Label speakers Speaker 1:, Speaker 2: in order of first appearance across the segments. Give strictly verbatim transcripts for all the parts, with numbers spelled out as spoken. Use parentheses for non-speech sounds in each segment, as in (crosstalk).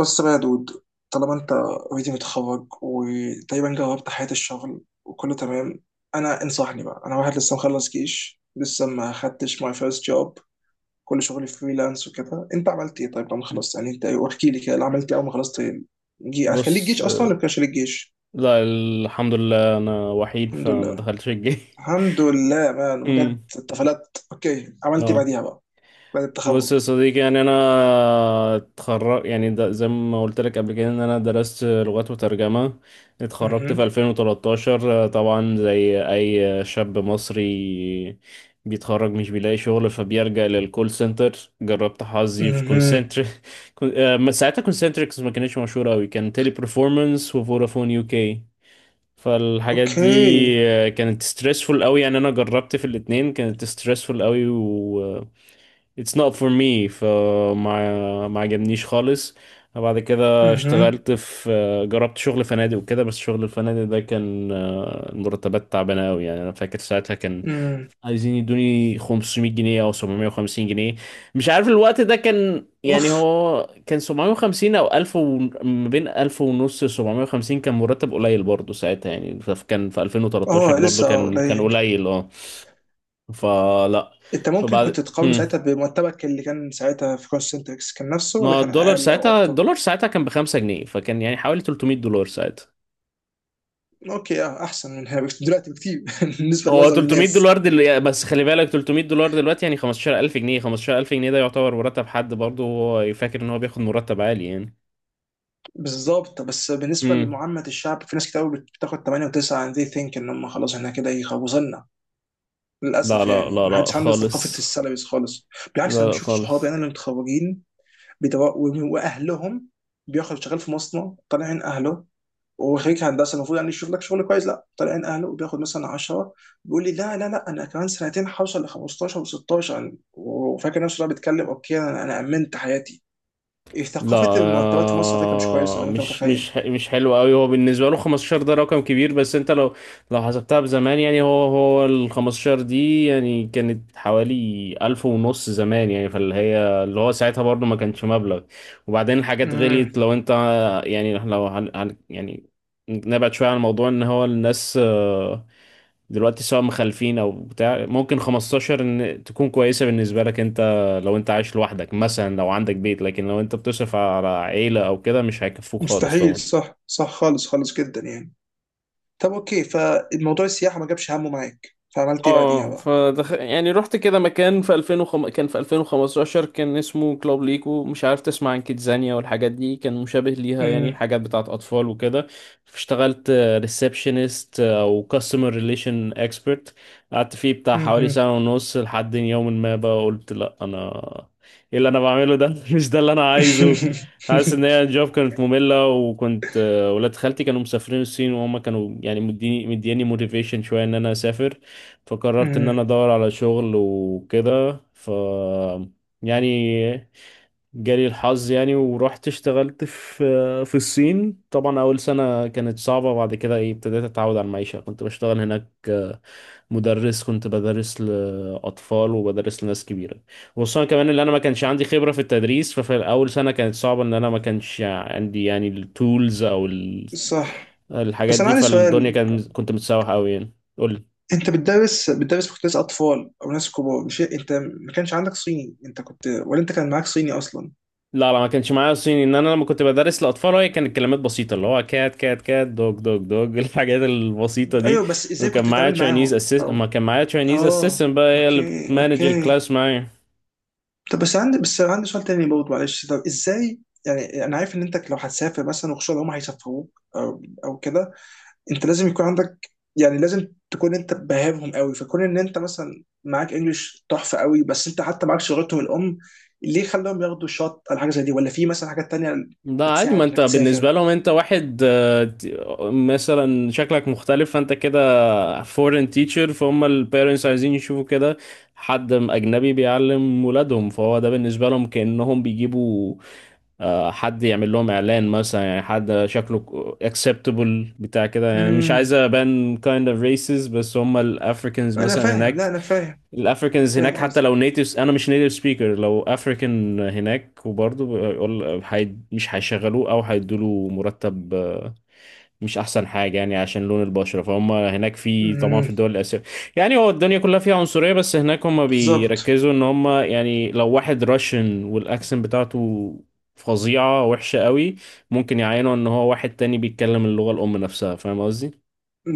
Speaker 1: بص بقى يا دود، طالما انت اوريدي متخرج وتقريبا جربت حياة الشغل وكله تمام. انا انصحني بقى، انا واحد لسه مخلص جيش، لسه ما خدتش ماي فيرست جوب. كل شغلي فريلانس وكده. انت عملت ايه طيب لما خلصت؟ يعني انت احكي لي كده اللي عملت ايه اول ما خلصت. جي... كان ليك
Speaker 2: بص.
Speaker 1: جيش اصلا ولا ما كانش ليك جيش؟
Speaker 2: لا، الحمد لله، انا وحيد
Speaker 1: الحمد
Speaker 2: فما
Speaker 1: لله.
Speaker 2: دخلتش الجيش.
Speaker 1: الحمد لله مان بجد،
Speaker 2: امم
Speaker 1: اتفلت. اوكي،
Speaker 2: (laughs)
Speaker 1: عملت ايه
Speaker 2: اه.
Speaker 1: بعديها بقى؟ بعد
Speaker 2: بص يا
Speaker 1: التخرج.
Speaker 2: صديقي، يعني انا اتخرج، يعني ده زي ما قلت لك قبل كده ان انا درست لغات وترجمة. اتخرجت
Speaker 1: اها.
Speaker 2: في ألفين وتلتاشر، طبعا زي اي شاب مصري بيتخرج مش بيلاقي شغل، فبيلجأ للكول سنتر. جربت حظي في
Speaker 1: اها.
Speaker 2: كونسنتر (laughs) كون- آه، ساعتها كونسنتريكس ما كانتش مشهورة قوي، كان تيلي برفورمانس وفودافون يو كي فالحاجات دي.
Speaker 1: اوكي.
Speaker 2: آه، كانت stressful قوي، يعني انا جربت في الاتنين كانت stressful قوي، و it's not for me، فما ما عجبنيش خالص. بعد كده
Speaker 1: اها.
Speaker 2: اشتغلت في آه، جربت شغل فنادق وكده، بس شغل الفنادق ده كان آه، المرتبات تعبانة قوي. يعني انا فاكر ساعتها كان
Speaker 1: امم
Speaker 2: عايزين يدوني خمسمية جنيه او سبعمية وخمسين جنيه، مش عارف الوقت ده كان.
Speaker 1: اوف،
Speaker 2: يعني هو كان سبعمية وخمسين او ألف و... ما بين ألف ونص، سبعمائة وخمسين كان مرتب قليل برضه ساعتها، يعني ف- كان في ألفين وتلتاشر
Speaker 1: اه
Speaker 2: برضه،
Speaker 1: لسه، اه
Speaker 2: كان كان
Speaker 1: قليل.
Speaker 2: قليل. اه. فلا.
Speaker 1: انت ممكن كنت
Speaker 2: فبعد
Speaker 1: تقارنه
Speaker 2: هم.
Speaker 1: ساعتها بمرتبك اللي كان ساعتها في كونسنتريكس، كان نفسه ولا
Speaker 2: ما
Speaker 1: كان
Speaker 2: الدولار
Speaker 1: اقل او
Speaker 2: ساعتها،
Speaker 1: اكتر؟
Speaker 2: الدولار ساعتها كان ب خمسة جنيه، فكان يعني حوالي تلتمية دولار ساعتها.
Speaker 1: اوكي، اه احسن من هنا بكتير- دلوقتي بكتير. (laughs) بالنسبه
Speaker 2: هو
Speaker 1: لمعظم
Speaker 2: 300
Speaker 1: الناس.
Speaker 2: دولار دل... بس خلي بالك تلتمية دولار دلوقتي يعني خمستاشر ألف جنيه. خمسة عشر ألف جنيه ده يعتبر مرتب حد، برضه هو فاكر ان هو بياخد مرتب عالي يعني.
Speaker 1: بالظبط، بس بالنسبه
Speaker 2: امم
Speaker 1: لمعامه الشعب في ناس كتير قوي بتاخد تمانية و9، and they think ان هم خلاص احنا كده يخوصنا.
Speaker 2: لا
Speaker 1: للاسف
Speaker 2: لا
Speaker 1: يعني
Speaker 2: لا
Speaker 1: ما
Speaker 2: لا
Speaker 1: حدش عنده ثقافه
Speaker 2: خالص.
Speaker 1: السالاريز خالص. بالعكس، انا
Speaker 2: لا لا
Speaker 1: بشوف صحابي انا
Speaker 2: خالص.
Speaker 1: اللي متخرجين بيدوا- واهلهم، بياخد شغال في مصنع طالعين اهله. وخريج هندسه المفروض يعني يشوف لك شغل كويس، لا، طالع عين اهله وبياخد مثلا عشرة. بيقول لي لا لا لا، انا كمان سنتين هوصل ل خمستاشر و16، وفاكر نفسه بقى بيتكلم اوكي، انا انا امنت حياتي. إيه،
Speaker 2: لا،
Speaker 1: ثقافه المرتبات في مصر على فكره مش كويسه
Speaker 2: آه،
Speaker 1: زي ما انت
Speaker 2: مش مش
Speaker 1: متخيل.
Speaker 2: ح- مش حلو قوي. هو بالنسبه له خمسة عشر ده رقم كبير، بس انت لو لو حسبتها بزمان، يعني هو هو ال خمسة عشر دي يعني كانت حوالي ألف ونص زمان، يعني فاللي هي، اللي هو ساعتها برضه ما كانش مبلغ، وبعدين الحاجات
Speaker 1: امم،
Speaker 2: غليت. لو انت يعني لو هن هن- يعني نبعد شويه عن الموضوع. ان هو الناس آه، دلوقتي سواء مخلفين او بتاع، ممكن خمسة عشر ان تكون كويسه بالنسبه لك انت، لو انت عايش لوحدك مثلا، لو عندك بيت، لكن لو انت بتصرف على عيلة او كده مش هيكفوك خالص
Speaker 1: مستحيل،
Speaker 2: طبعا.
Speaker 1: صح صح، خالص، خالص جدا يعني. طب اوكي، فالموضوع السياحه ما جابش همه معاك، فعملت ايه بعديها
Speaker 2: اه،
Speaker 1: بقى؟
Speaker 2: فدخ... يعني رحت كده مكان في ألفين وخمسة، كان في ألفين وخمسة عشر، كان اسمه كلوب ليكو. مش عارف تسمع عن كيدزانيا والحاجات دي، كان مشابه ليها، يعني
Speaker 1: امم.
Speaker 2: حاجات بتاعت اطفال وكده. اشتغلت ريسبشنست او كاستمر ريليشن اكسبرت. قعدت فيه بتاع حوالي
Speaker 1: امم.
Speaker 2: سنة ونص، لحد يوم ما بقى قلت: لا، انا ايه اللي انا بعمله ده؟ (laughs) مش ده اللي انا عايزه. حاسس
Speaker 1: (laughs)
Speaker 2: ان هي الجوب كانت مملة، وكنت آه، ولاد خالتي كانوا مسافرين الصين، وهم كانوا يعني مديني مدياني موتيفيشن شوية ان انا اسافر. فقررت ان انا
Speaker 1: أمم.
Speaker 2: ادور على شغل وكده، ف، يعني جالي الحظ، يعني ورحت اشتغلت في في الصين. طبعا اول سنة كانت صعبة، بعد كده ايه ابتديت اتعود على المعيشة. كنت بشتغل هناك مدرس، كنت بدرس لأطفال وبدرس لناس كبيرة. وخصوصا كمان ان انا ما كانش عندي خبرة في التدريس. ففي اول سنة كانت صعبة ان انا ما كانش عندي يعني التولز او ال-
Speaker 1: صح.
Speaker 2: الحاجات
Speaker 1: بس انا
Speaker 2: دي.
Speaker 1: عندي
Speaker 2: فالدنيا
Speaker 1: سؤال،
Speaker 2: كان كنت متسوح قوي يعني. قول لي.
Speaker 1: انت بتدرس بتدرس في كتاب اطفال او ناس كبار؟ مش انت ما كانش عندك صيني؟ انت كنت ولا انت كان معاك صيني اصلا؟
Speaker 2: لا لا ما كانش معايا صيني. ان انا لما كنت بدرس لاطفال هي كانت كلمات بسيطه، اللي هو كات كات كات دوج دوج دوج (laughs) الحاجات البسيطه دي.
Speaker 1: ايوه بس ازاي
Speaker 2: وكان
Speaker 1: كنت
Speaker 2: معايا
Speaker 1: بتتعامل
Speaker 2: تشاينيز
Speaker 1: معاهم
Speaker 2: اسيس ما
Speaker 1: او
Speaker 2: كان معايا تشاينيز
Speaker 1: اه؟
Speaker 2: اسيستنت بقى، هي اللي
Speaker 1: اوكي،
Speaker 2: بتمانج
Speaker 1: اوكي.
Speaker 2: الكلاس معايا.
Speaker 1: طب بس عندي بس عندي سؤال تاني برضه، معلش، طب ازاي، يعني انا عارف ان انت لو هتسافر مثلا وخصوصا لو هم هيسافروك او او كده، انت لازم يكون عندك، يعني لازم تكون انت باهبهم قوي، فكون ان انت مثلا معاك انجلش تحفه قوي، بس انت حتى معاكش لغتهم الام، ليه خلاهم ياخدوا شوت على حاجه زي دي، ولا في مثلا حاجات تانية
Speaker 2: ده عادي،
Speaker 1: بتساعد
Speaker 2: ما انت
Speaker 1: انك تسافر؟
Speaker 2: بالنسبه لهم انت واحد، آه، ت- مثلا شكلك مختلف، فانت كده فورين تيتشر، فهم البيرنتس عايزين يشوفوا كده حد اجنبي بيعلم ولادهم، فهو ده بالنسبه لهم كانهم بيجيبوا آه، حد يعمل لهم اعلان مثلا. يعني حد شكله acceptable بتاع كده، يعني مش
Speaker 1: امم.
Speaker 2: عايز ابان kind of racist، بس هم الافريكانز
Speaker 1: انا
Speaker 2: مثلا
Speaker 1: فاهم، لا
Speaker 2: هناك،
Speaker 1: انا فاهم.
Speaker 2: الافريكانز هناك
Speaker 1: فاهم
Speaker 2: حتى
Speaker 1: قصدي.
Speaker 2: لو natives، انا مش native speaker، لو افريكان هناك وبرضه بيقول هي- مش هيشغلوه او هيدوله مرتب، آه، مش احسن حاجه، يعني عشان لون البشره. فهم هناك في طبعا في
Speaker 1: امم.
Speaker 2: الدول الاسيويه، يعني هو الدنيا كلها فيها عنصريه، بس هناك هم
Speaker 1: بالظبط،
Speaker 2: بيركزوا ان هم، يعني لو واحد راشن والاكسنت بتاعته فظيعه وحشه قوي، ممكن يعينوا ان هو واحد تاني بيتكلم اللغه الام نفسها. فاهم قصدي.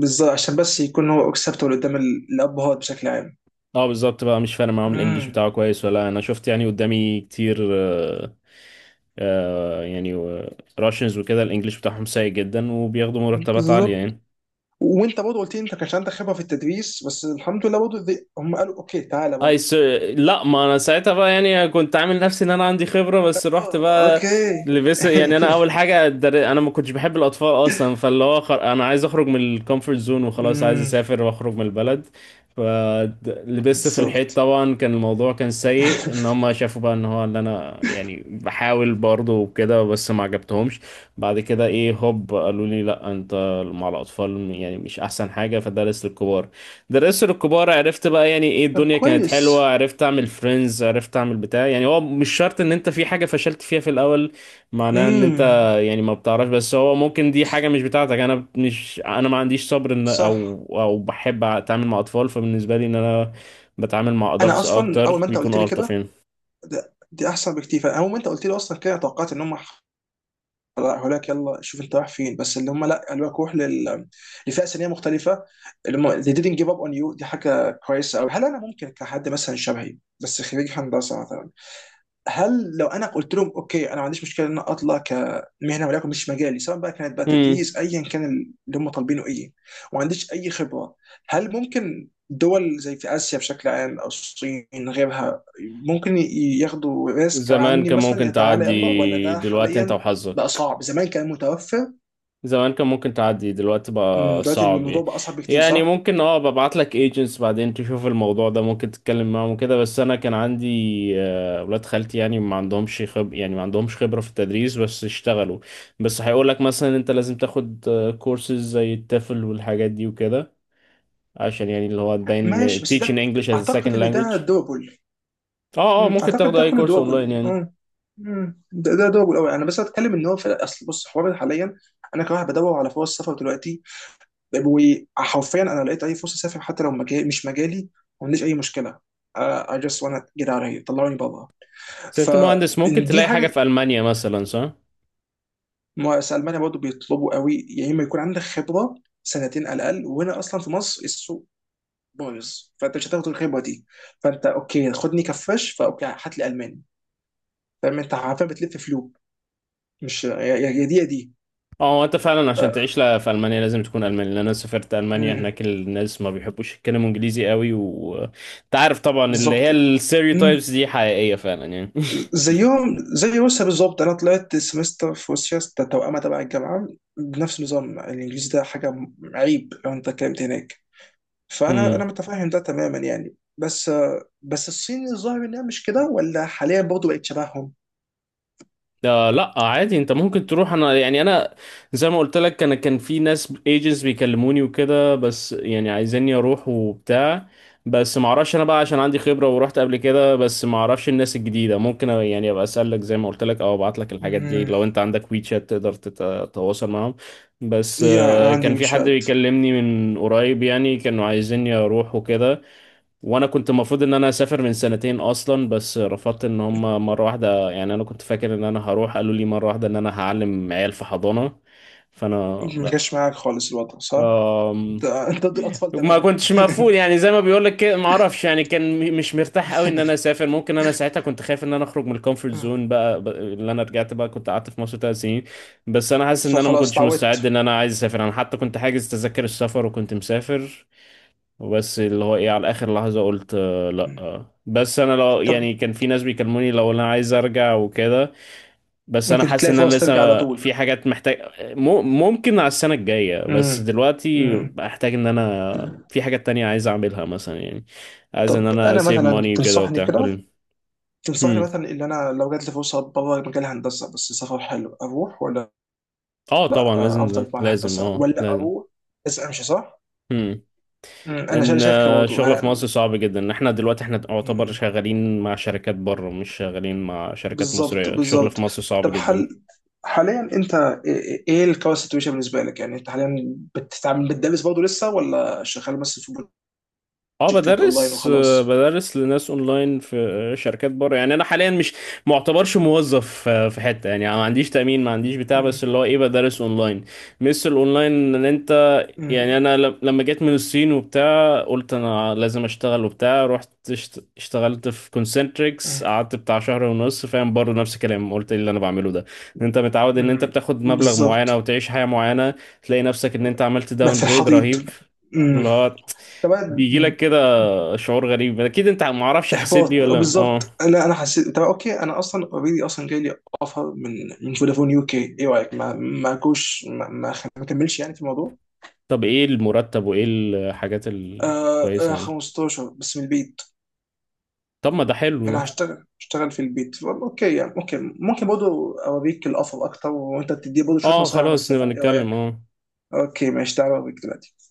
Speaker 1: بالظبط، عشان بس يكون هو اكسبتبل قدام ال- الابهات بشكل عام.
Speaker 2: اه بالظبط بقى، مش فارق معاهم الانجليش
Speaker 1: امم.
Speaker 2: بتاعه كويس ولا. انا شفت يعني قدامي كتير، آه، آه، يعني آه، راشنز وكده الانجليش بتاعهم سيء جدا وبياخدوا مرتبات عاليه
Speaker 1: بالظبط.
Speaker 2: يعني.
Speaker 1: وانت برضه قلت لي انت كانش عندك خبره في التدريس، بس الحمد لله برضه ذي- هم قالوا اوكي تعالى
Speaker 2: اي
Speaker 1: برضه.
Speaker 2: س... لا، ما انا ساعتها بقى يعني كنت عامل نفسي ان انا عندي خبره، بس رحت
Speaker 1: اه
Speaker 2: بقى
Speaker 1: اوكي.
Speaker 2: لبس. يعني انا
Speaker 1: (laughs)
Speaker 2: اول حاجه در... انا ما كنتش بحب الاطفال اصلا. فاللي هو خر... انا عايز اخرج من الكومفورت زون وخلاص، عايز
Speaker 1: امم.
Speaker 2: اسافر واخرج من البلد. فلبست في الحيط
Speaker 1: بالظبط.
Speaker 2: طبعا، كان الموضوع كان سيء ان
Speaker 1: (laughs)
Speaker 2: هم شافوا بقى ان هو ان انا يعني بحاول برضه وكده، بس ما عجبتهمش. بعد كده ايه هوب قالوا لي: لا، انت مع الاطفال يعني مش احسن حاجه، فدرس للكبار. درست الكبار، عرفت بقى يعني ايه،
Speaker 1: طب
Speaker 2: الدنيا كانت
Speaker 1: كويس.
Speaker 2: حلوة، عرفت اعمل فريندز، عرفت اعمل بتاع. يعني هو مش شرط ان انت في حاجة فشلت فيها في الاول معناها ان انت،
Speaker 1: امم.
Speaker 2: يعني ما بتعرفش، بس هو ممكن دي حاجة مش بتاعتك. انا مش انا ما عنديش صبر ان
Speaker 1: صح.
Speaker 2: او او بحب اتعامل مع اطفال. فبالنسبة لي ان انا بتعامل مع
Speaker 1: انا
Speaker 2: ادلتس
Speaker 1: اصلا اول
Speaker 2: اكتر
Speaker 1: ما انت قلت
Speaker 2: بيكونوا
Speaker 1: لي
Speaker 2: الطف
Speaker 1: كده،
Speaker 2: يعني.
Speaker 1: ده- دي احسن بكتير، فاول ما انت قلت لي اصلا كده توقعت ان هم هلاك يلا شوف انت رايح فين، بس اللي هم لا، قالوا لك روح لل... لفئه سنيه مختلفه، اللي هم they didn't give up on you، دي حاجه كويسه قوي. هل انا ممكن كحد مثلا شبهي، بس خريج هندسه مثلا، هل لو انا قلت لهم اوكي انا ما عنديش مشكله ان انا اطلع كمهنه ولكن مش مجالي، سواء بقى كانت بقى
Speaker 2: امم
Speaker 1: تدريس ايا كان اللي هم طالبينه ايه، وما عنديش اي خبره، هل ممكن دول زي في اسيا بشكل عام او الصين غيرها ممكن ي- ياخدوا ريسك
Speaker 2: زمان
Speaker 1: عني
Speaker 2: كان
Speaker 1: مثلا، يا
Speaker 2: ممكن
Speaker 1: تعالى يلا، ولا
Speaker 2: تعدي،
Speaker 1: ده
Speaker 2: دلوقتي انت
Speaker 1: حاليا بقى
Speaker 2: وحظك.
Speaker 1: صعب؟ زمان كان متوفر.
Speaker 2: زمان كان ممكن تعدي دلوقتي
Speaker 1: أمم،
Speaker 2: بقى
Speaker 1: دلوقتي
Speaker 2: صعب
Speaker 1: الموضوع
Speaker 2: يعني.
Speaker 1: بقى اصعب بكتير،
Speaker 2: يعني
Speaker 1: صح؟
Speaker 2: ممكن اه ببعت لك ايجنتس بعدين، تشوف الموضوع ده ممكن تتكلم معاهم وكده. بس انا كان عندي آه، ولاد خالتي، يعني ما عندهمش خب يعني ما عندهمش خبرة في التدريس بس اشتغلوا. بس هيقول لك مثلا انت لازم تاخد كورسز زي التافل والحاجات دي وكده، عشان يعني اللي هو تبين
Speaker 1: ماشي، بس
Speaker 2: teaching
Speaker 1: ده،
Speaker 2: English as a
Speaker 1: اعتقد
Speaker 2: second
Speaker 1: ان
Speaker 2: language.
Speaker 1: ده دوبل.
Speaker 2: اه اه
Speaker 1: مم.
Speaker 2: ممكن
Speaker 1: اعتقد
Speaker 2: تاخد
Speaker 1: ده
Speaker 2: اي
Speaker 1: كله
Speaker 2: كورس
Speaker 1: دوبل
Speaker 2: اونلاين يعني.
Speaker 1: اه. مم. ده ده دوبل قوي. انا بس اتكلم ان هو في اصل، بص حوار حاليا، انا كواحد بدور على فرص سفر دلوقتي، وحرفيا انا لقيت اي فرصه اسافر حتى لو مجال مش مجالي، ما عنديش اي مشكله، آه، I just wanna get out of here، طلعوني بره.
Speaker 2: بس انت مهندس ممكن
Speaker 1: فإن دي
Speaker 2: تلاقي حاجة
Speaker 1: حاجه،
Speaker 2: في ألمانيا مثلا، صح؟
Speaker 1: ما في المانيا برضه بيطلبوا قوي، يا اما يكون عندك خبره سنتين على الاقل، وهنا اصلا في مصر السوق بايظ، فانت مش هتاخد الخبره دي، فانت اوكي خدني كفاش، فاوكي هات لي الماني، فاهم؟ انت عارفين بتلف فلوب، مش يا يا- يا دي يا دي.
Speaker 2: اه. هو انت فعلا عشان
Speaker 1: آه،
Speaker 2: تعيش لا، في المانيا لازم تكون الماني، لان انا سافرت المانيا.
Speaker 1: مم.
Speaker 2: هناك الناس ما بيحبوش يتكلموا انجليزي قوي، وانت عارف طبعا اللي هي
Speaker 1: بالظبط. مم.
Speaker 2: الستيreotypes دي حقيقيه فعلا يعني.
Speaker 1: زيهم زي روسيا بالظبط، انا طلعت سمستر في روسيا ده توأمة تبع الجامعه بنفس النظام الانجليزي، ده حاجه م- عيب لو انت اتكلمت هناك، فانا انا
Speaker 2: (laughs)
Speaker 1: متفاهم ده تماما يعني، بس آه، بس الصين الظاهر انها مش كده ولا حاليا برضه بقت شبههم؟
Speaker 2: آه، لا عادي، انت ممكن تروح. انا يعني انا زي ما قلت لك، انا كان في ناس ايجنتس بيكلموني وكده، بس يعني عايزيني اروح وبتاع. بس ما اعرفش انا بقى، عشان عندي خبرة ورحت قبل كده، بس ما اعرفش الناس الجديدة. ممكن يعني ابقى اسالك زي ما قلت لك، او ابعت لك الحاجات دي
Speaker 1: مم.
Speaker 2: لو انت عندك ويتشات تقدر تتواصل معاهم. بس
Speaker 1: يا
Speaker 2: آه
Speaker 1: عندي
Speaker 2: كان في حد
Speaker 1: واتشات.
Speaker 2: بيكلمني من قريب يعني، كانوا عايزيني اروح وكده. وانا كنت المفروض ان انا اسافر من سنتين اصلا، بس رفضت ان هم مره واحده يعني انا كنت فاكر ان انا هروح، قالوا لي مره واحده ان انا هعلم عيال في حضانه. فانا
Speaker 1: ما جاش
Speaker 2: لا.
Speaker 1: معاك خالص الوضع صح؟ انت
Speaker 2: أم...
Speaker 1: انت ضد الاطفال
Speaker 2: ما
Speaker 1: تماما.
Speaker 2: كنتش مقفول يعني، زي ما بيقول لك كده ما اعرفش، يعني كان م- مش مرتاح قوي ان انا
Speaker 1: (laughs)
Speaker 2: اسافر. ممكن انا ساعتها كنت خايف ان انا اخرج من الكومفورت زون بقى ب- اللي انا رجعت بقى كنت قعدت في مصر ثلاث سنين، بس انا حاسس ان انا ما
Speaker 1: فخلاص
Speaker 2: كنتش
Speaker 1: تعودت.
Speaker 2: مستعد ان انا عايز اسافر. انا حتى كنت حاجز تذاكر السفر وكنت مسافر، وبس اللي هو ايه على اخر لحظة قلت: آه، لا آه. بس انا لو
Speaker 1: طب
Speaker 2: يعني كان في ناس بيكلموني لو انا عايز ارجع وكده، بس انا
Speaker 1: ممكن
Speaker 2: حاسس
Speaker 1: تلاقي
Speaker 2: ان انا
Speaker 1: فرص ترجع على
Speaker 2: لسه
Speaker 1: طول.
Speaker 2: في حاجات محتاج، مو- ممكن على السنة الجاية، بس
Speaker 1: امم.
Speaker 2: دلوقتي
Speaker 1: امم.
Speaker 2: احتاج ان انا في حاجات تانية عايز اعملها مثلا، يعني عايز ان
Speaker 1: طب
Speaker 2: انا
Speaker 1: انا
Speaker 2: سيف
Speaker 1: مثلا
Speaker 2: ماني وكده
Speaker 1: تنصحني
Speaker 2: وبتاع. قول
Speaker 1: كده،
Speaker 2: لي.
Speaker 1: تنصحني
Speaker 2: هم.
Speaker 1: مثلا ان انا لو جات لي فرصه بره مجال الهندسه بس سفر حلو اروح، ولا
Speaker 2: اه طبعا لازم
Speaker 1: افضل مع
Speaker 2: لازم
Speaker 1: الهندسه،
Speaker 2: اه
Speaker 1: ولا
Speaker 2: لازم
Speaker 1: اروح بس امشي صح؟ مم. انا شايف
Speaker 2: ان
Speaker 1: شايف كده
Speaker 2: آه،
Speaker 1: برضه
Speaker 2: الشغل في
Speaker 1: ه-
Speaker 2: مصر صعب جدا، ان احنا دلوقتي احنا نعتبر
Speaker 1: مم.
Speaker 2: شغالين مع شركات بره مش شغالين مع شركات
Speaker 1: بالظبط،
Speaker 2: مصرية. الشغل في
Speaker 1: بالظبط.
Speaker 2: مصر صعب
Speaker 1: طب
Speaker 2: جدا.
Speaker 1: حل، حاليا انت ايه، إيه الكورس سيتويشن بالنسبه لك؟ يعني انت حاليا بتتعامل بتدرس برضه لسه ولا شغال بس في
Speaker 2: اه
Speaker 1: بروجكتات اونلاين
Speaker 2: بدرس آه،
Speaker 1: وخلاص؟
Speaker 2: بدرس لناس اونلاين في آه، شركات بره، يعني انا حاليا مش معتبرش موظف آه، في حتة يعني ما عنديش تأمين ما عنديش بتاع،
Speaker 1: مم.
Speaker 2: بس اللي هو ايه بدرس اونلاين. مثل الاونلاين ان انت، يعني انا ل- لما جيت من الصين وبتاع قلت انا لازم اشتغل وبتاع، رحت اشت- اشتغلت في
Speaker 1: مم.
Speaker 2: كونسنتريكس، قعدت بتاع شهر ونص، فاهم برضه نفس الكلام، قلت ايه اللي انا بعمله ده؟ ان انت متعود ان انت
Speaker 1: مم.
Speaker 2: بتاخد مبلغ معين او
Speaker 1: بالظبط،
Speaker 2: تعيش حياة معينة، تلاقي نفسك ان انت عملت
Speaker 1: مات في
Speaker 2: داون جريد
Speaker 1: الحضيض.
Speaker 2: رهيب.
Speaker 1: امم.
Speaker 2: اللي هو
Speaker 1: طب بقى
Speaker 2: بيجي لك كده شعور غريب، اكيد انت ما اعرفش حسيت بيه
Speaker 1: احباط. آه،
Speaker 2: ولا. اه
Speaker 1: بالظبط، انا انا حسيت، طب اوكي انا اصلا اوريدي اصلا جاي لي اوفر من من فودافون يو كي، ايه رايك ما ما كوش ما, ما خ- ما كملش يعني في الموضوع؟
Speaker 2: طب ايه المرتب وايه الحاجات
Speaker 1: آه
Speaker 2: الكويسة
Speaker 1: آه،
Speaker 2: يعني.
Speaker 1: خمسة عشر بس من البيت،
Speaker 2: طب ما ده حلو
Speaker 1: انا
Speaker 2: ده.
Speaker 1: هشتغل هشتغل في البيت والله. اوكي يعني، اوكي، ممكن برضه اوريك الاوفر اكتر وانت تدي برضه شويه
Speaker 2: اه
Speaker 1: نصايح عن
Speaker 2: خلاص نبقى
Speaker 1: السفر، ايه رايك؟
Speaker 2: نتكلم اه.
Speaker 1: اوكي ماشي، تعالى اوريك دلوقتي.